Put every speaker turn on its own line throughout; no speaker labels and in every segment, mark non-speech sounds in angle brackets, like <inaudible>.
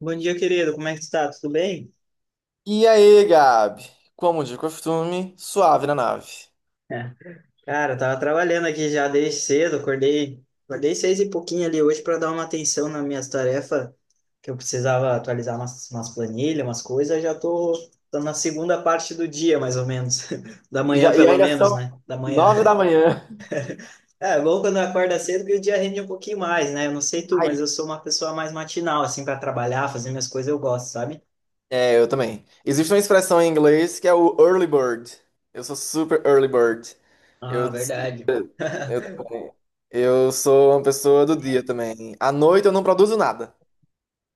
Bom dia, querido. Como é que tu tá? Tudo bem?
E aí, Gabi? Como de costume, suave na nave.
É. Cara, eu tava trabalhando aqui já desde cedo, acordei seis e pouquinho ali hoje para dar uma atenção nas minhas tarefas, que eu precisava atualizar umas planilhas, umas coisas, já tô na segunda parte do dia, mais ou menos. <laughs> Da
E
manhã,
Já, e
pelo
ainda
menos,
são
né? Da manhã.
9 da
<laughs>
manhã.
É bom quando acorda cedo que o dia rende um pouquinho mais, né? Eu não sei tu, mas
Ai.
eu sou uma pessoa mais matinal, assim, para trabalhar, fazer minhas coisas eu gosto, sabe?
É, eu também. Existe uma expressão em inglês que é o early bird. Eu sou super early bird. Eu,
Ah, verdade.
eu
<laughs>
também. Eu sou uma pessoa do dia também. À noite eu não produzo nada.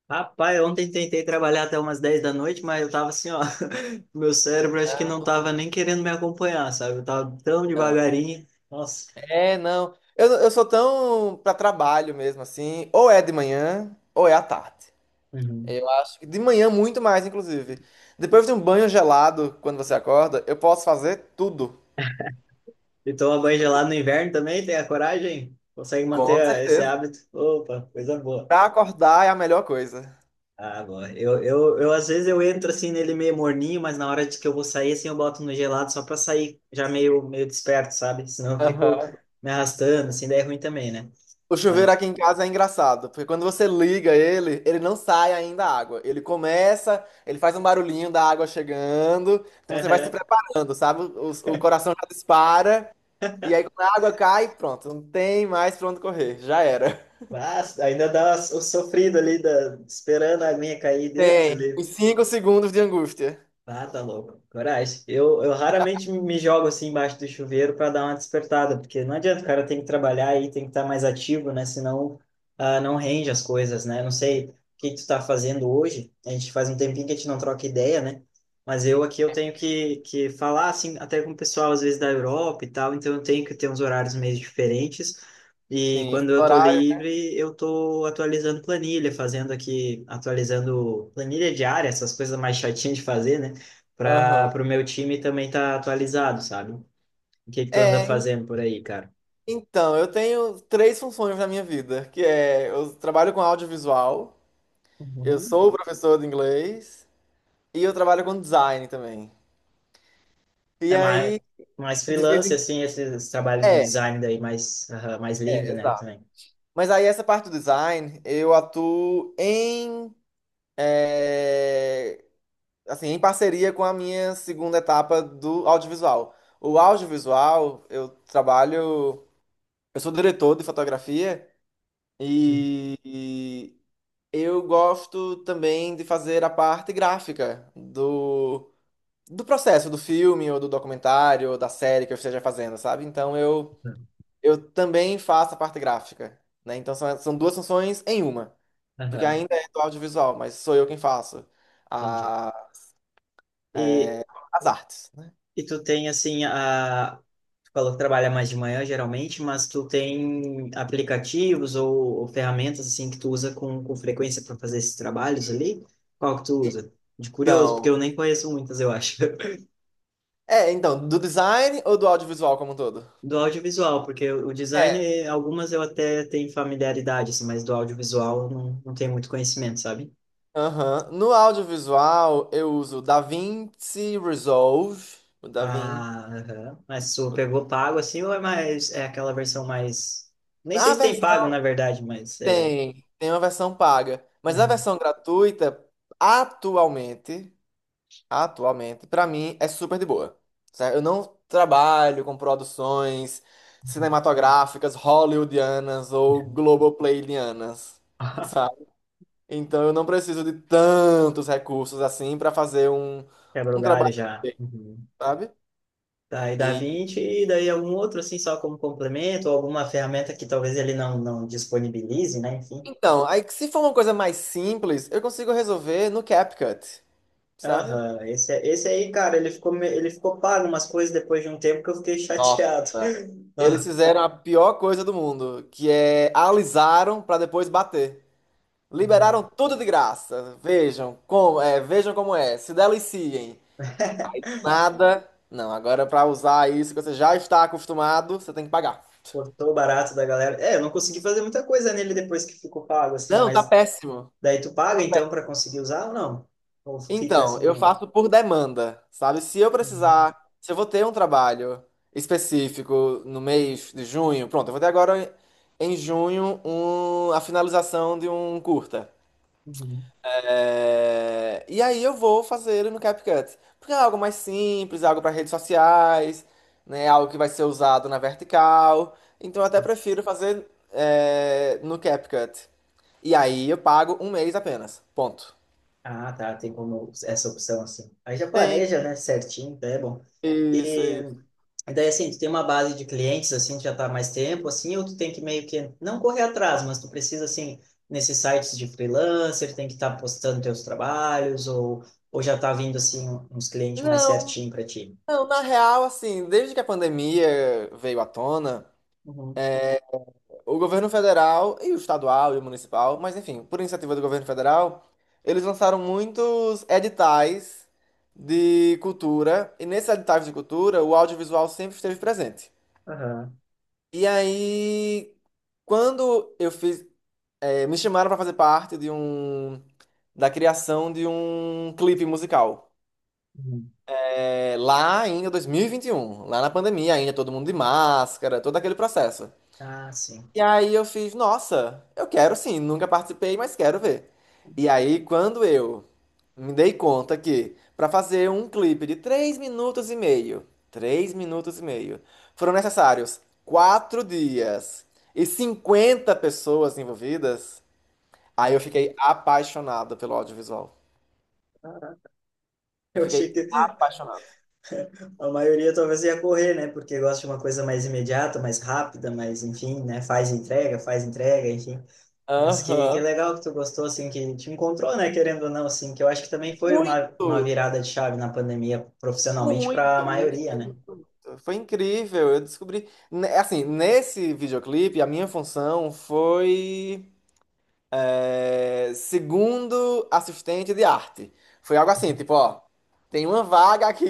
Rapaz, ontem tentei trabalhar até umas 10 da noite, mas eu tava assim, ó, <laughs> meu cérebro acho que não tava
Não,
nem querendo me acompanhar, sabe? Eu tava tão
não.
devagarinho. Nossa.
É, não. Eu sou tão pra trabalho mesmo, assim. Ou é de manhã, ou é à tarde.
Uhum.
Eu acho que de manhã muito mais, inclusive. Depois de um banho gelado, quando você acorda, eu posso fazer tudo.
E toma banho gelado no inverno também, tem a coragem? Consegue
Com
manter esse
certeza.
hábito? Opa, coisa boa.
Pra acordar é a melhor coisa.
Ah, boa. Eu às vezes eu entro assim nele meio morninho, mas na hora de que eu vou sair, assim, eu boto no gelado só pra sair já meio desperto, sabe? Senão eu fico
Aham.
me arrastando, assim, daí é ruim também, né?
O chuveiro
Mas.
aqui em casa é engraçado, porque quando você liga ele, ele não sai ainda a água. Ele começa, ele faz um barulhinho da água chegando, então você vai se
<laughs>
preparando, sabe? O coração já dispara, e aí quando a água cai, pronto, não tem mais pra onde correr, já era.
Mas ainda dá o sofrido ali, esperando a aguinha cair, Deus,
Tem
ele
uns 5 segundos de angústia.
ah, tá louco. Coragem. Eu raramente me jogo assim embaixo do chuveiro para dar uma despertada, porque não adianta, o cara tem que trabalhar e tem que estar mais ativo, né? Senão ah, não rende as coisas, né? Não sei o que tu tá fazendo hoje. A gente faz um tempinho que a gente não troca ideia, né? Mas eu aqui eu tenho que falar assim, até com o pessoal às vezes da Europa e tal, então eu tenho que ter uns horários meio diferentes. E
Sim,
quando eu tô
horário.
livre, eu tô atualizando planilha, fazendo aqui, atualizando planilha diária, essas coisas mais chatinhas de fazer, né? Para
Aham.
o meu time também tá atualizado, sabe? O que que tu anda
É, en-
fazendo por aí, cara?
então, eu tenho três funções na minha vida, que é eu trabalho com audiovisual, eu
Uhum.
sou professor de inglês e eu trabalho com design também. E
É mais,
aí,
mais
de vez
freelance,
em
assim, esse trabalho de
é, é,
design daí mais, aham, mais livre, né,
exato.
também.
Mas aí essa parte do design, eu atuo em é, assim, em parceria com a minha segunda etapa do audiovisual. O audiovisual, eu trabalho, eu sou diretor de fotografia e eu gosto também de fazer a parte gráfica do, do processo do filme, ou do documentário, ou da série que eu esteja fazendo, sabe? Então eu também faço a parte gráfica, né? Então são, são duas funções em uma, porque
Aham,
ainda é do audiovisual, mas sou eu quem faço
entendi.
a,
E,
as artes, né?
e tu tem, assim, a... Tu falou que trabalha mais de manhã, geralmente, mas tu tem aplicativos ou ferramentas, assim, que tu usa com frequência para fazer esses trabalhos ali? Qual que tu usa? De curioso, porque
Então,
eu nem conheço muitas, eu acho.
então, do design ou do audiovisual como um todo?
Do audiovisual, porque o design,
É,
eh, algumas eu até tenho familiaridade, assim, mas do audiovisual eu não tenho muito conhecimento, sabe?
aham. No audiovisual eu uso DaVinci Resolve, o DaVinci.
Ah, aham. Mas tu pegou pago, assim, ou é mais, é aquela versão mais... Nem sei se tem pago, na verdade, mas é...
Tem uma versão paga, mas a
Uhum.
versão gratuita atualmente, atualmente, para mim é super de boa. Certo? Eu não trabalho com produções
Uhum.
cinematográficas hollywoodianas ou globoplayianas, <laughs>
<laughs>
sabe? Então eu não preciso de tantos recursos assim para fazer um,
Quebra o
um
galho
trabalho,
já.
bem,
Uhum.
sabe?
Daí dá
E,
20 e daí algum outro, assim, só como complemento, ou alguma ferramenta que talvez ele não disponibilize, né? Enfim.
então, aí se for uma coisa mais simples, eu consigo resolver no CapCut, sabe?
Aham, esse aí, cara, ele ficou pago umas coisas depois de um tempo que eu fiquei
Nossa.
chateado. <laughs>
Eles
Ah,
fizeram a pior coisa do mundo, que é alisaram pra depois bater. Liberaram tudo de graça. Vejam como é, vejam como é. Se deliciem. Nada. Não, agora pra usar isso que você já está acostumado, você tem que pagar.
cortou barato da galera. É, eu não consegui fazer muita coisa nele depois que ficou pago, assim,
Não, tá
mas
péssimo.
daí tu paga
Tá
então
péssimo.
para conseguir usar ou não? Ou fica
Então,
assim,
eu
não?
faço por demanda, sabe? Se eu
Uhum,
precisar, se eu vou ter um trabalho específico no mês de junho, pronto, eu vou ter agora em junho a finalização de um curta.
uhum.
E aí eu vou fazer no CapCut. Porque é algo mais simples, é algo para redes sociais, né? Algo que vai ser usado na vertical. Então eu até prefiro fazer no CapCut. E aí eu pago um mês apenas. Ponto.
Ah, tá, tem como essa opção assim. Aí já
Tem.
planeja, né, certinho, tá, é bom.
Isso,
E
isso.
daí, assim, tu tem uma base de clientes, assim, que já tá há mais tempo, assim, ou tu tem que meio que não correr atrás, mas tu precisa, assim, nesses sites de freelancer, tem que estar postando teus trabalhos, ou já tá vindo, assim, uns clientes mais
Não,
certinho para ti.
não, na real, assim, desde que a pandemia veio à tona.
Uhum.
O governo federal e o estadual e o municipal, mas enfim, por iniciativa do governo federal, eles lançaram muitos editais de cultura, e nesses editais de cultura, o audiovisual sempre esteve presente.
Aham.
E aí, quando eu fiz, me chamaram para fazer parte de da criação de um clipe musical.
Uhum.
É, lá ainda 2021, lá na pandemia ainda todo mundo de máscara, todo aquele processo.
Ah, sim.
E aí eu fiz, nossa, eu quero sim, nunca participei, mas quero ver. E aí quando eu me dei conta que para fazer um clipe de 3 minutos e meio, 3 minutos e meio, foram necessários 4 dias e 50 pessoas envolvidas, aí eu
Nossa,
fiquei apaixonado pelo audiovisual.
caraca. <laughs>
Eu
Eu achei que
fiquei apaixonado.
a maioria talvez ia correr, né? Porque gosta de uma coisa mais imediata, mais rápida, mas enfim, né? Faz entrega, enfim. Mas que
Aham.
legal que tu gostou, assim, que te encontrou, né, querendo ou não, assim, que eu acho que também foi uma
Muito!
virada de chave na pandemia, profissionalmente, para a
Muito,
maioria,
muito,
né?
muito. Foi incrível. Eu descobri. Assim, nesse videoclipe, a minha função foi segundo assistente de arte. Foi algo assim, tipo, ó, tem uma vaga aqui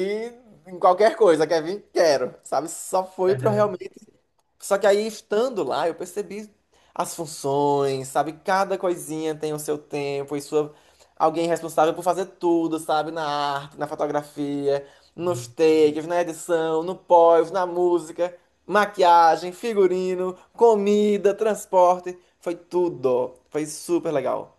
em qualquer coisa, quer vir? Quero. Sabe? Só foi pra eu
Aham.
realmente. Só que aí, estando lá, eu percebi as funções, sabe? Cada coisinha tem o seu tempo e sua... Alguém responsável por fazer tudo, sabe? Na arte, na fotografia, nos takes, na edição, no pós, na música, maquiagem, figurino, comida, transporte. Foi tudo. Foi super legal.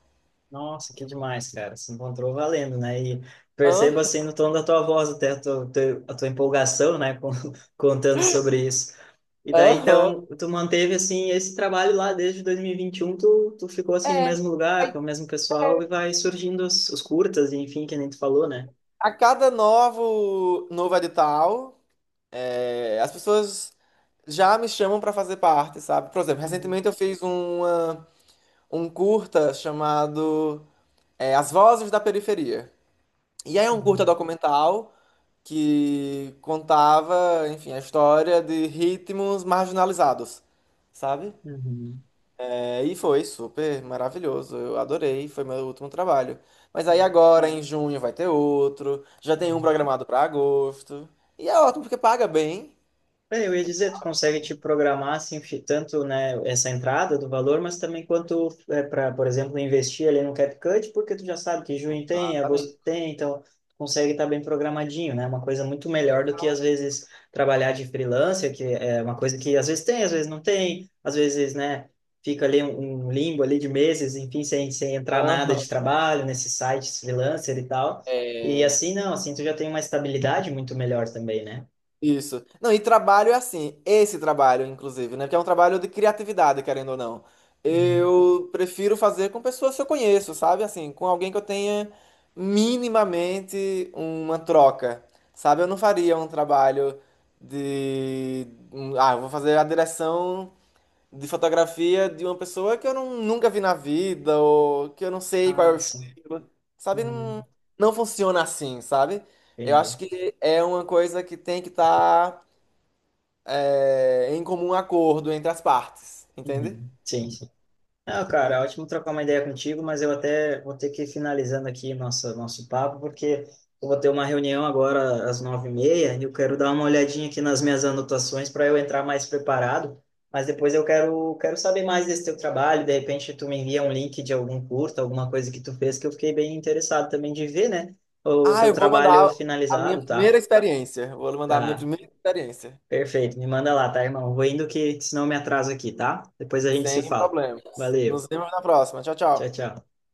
Nossa, que demais, cara. Se encontrou valendo, né? E percebo
Aham,
assim no tom da tua voz até a tua, a tua empolgação, né? <laughs> Contando sobre isso. E daí,
aham.
então, tu manteve assim esse trabalho lá desde dois mil e vinte e um, tu ficou assim no
É.
mesmo lugar,
Aí,
com o mesmo pessoal e vai surgindo os curtas, enfim, que nem tu falou, né?
a cada novo edital. É, as pessoas já me chamam para fazer parte, sabe? Por exemplo,
Uhum.
recentemente eu fiz um curta chamado As Vozes da Periferia. E aí é um curta
Uhum.
documental que contava, enfim, a história de ritmos marginalizados, sabe?
Uhum.
É, e foi super maravilhoso, eu adorei, foi meu último trabalho. Mas aí
Nossa.
agora, em junho, vai ter outro, já tem um programado para agosto. E é ótimo porque paga bem.
É, eu ia dizer, tu consegue te programar assim, tanto, né, essa entrada do valor, mas também quanto é para, por exemplo, investir ali no CapCut, porque tu já sabe que junho tem, agosto
Exatamente.
tem, então tu consegue estar bem programadinho, né? Uma coisa muito melhor do que às vezes trabalhar de freelancer, que é uma coisa que às vezes tem, às vezes não tem, às vezes, né, fica ali um limbo ali de meses, enfim, sem entrar nada
Exato.
de trabalho nesses sites freelancer e tal. E
É,
assim não, assim tu já tem uma estabilidade muito melhor também, né?
isso. Não, e trabalho é assim, esse trabalho, inclusive, né? Porque é um trabalho de criatividade, querendo ou não.
Uhum.
Eu prefiro fazer com pessoas que eu conheço, sabe? Assim, com alguém que eu tenha minimamente uma troca, sabe? Eu não faria um trabalho de. Ah, eu vou fazer a direção de fotografia de uma pessoa que eu não, nunca vi na vida, ou que eu não sei qual é o
Ah, sim.
estilo, sabe? Não,
Hum,
não funciona assim, sabe? Eu acho
entendi.
que é uma coisa que tem que estar em comum acordo entre as partes, entende?
Uhum. Sim, sim. Ah, cara, é ótimo trocar uma ideia contigo, mas eu até vou ter que ir finalizando aqui nossa, nosso papo, porque eu vou ter uma reunião agora às 9:30 e eu quero dar uma olhadinha aqui nas minhas anotações para eu entrar mais preparado, mas depois eu quero saber mais desse teu trabalho, de repente tu me envia um link de algum curso, alguma coisa que tu fez, que eu fiquei bem interessado também de ver, né? O
Ah,
teu
eu vou
trabalho
mandar a minha
finalizado, tá?
primeira experiência. Vou mandar a minha
Tá.
primeira experiência.
Perfeito, me manda lá, tá, irmão? Vou indo que senão eu me atraso aqui, tá? Depois a gente se
Sem
fala.
problemas. Nos
Valeu,
vemos na próxima. Tchau,
tchau,
tchau.
tchau.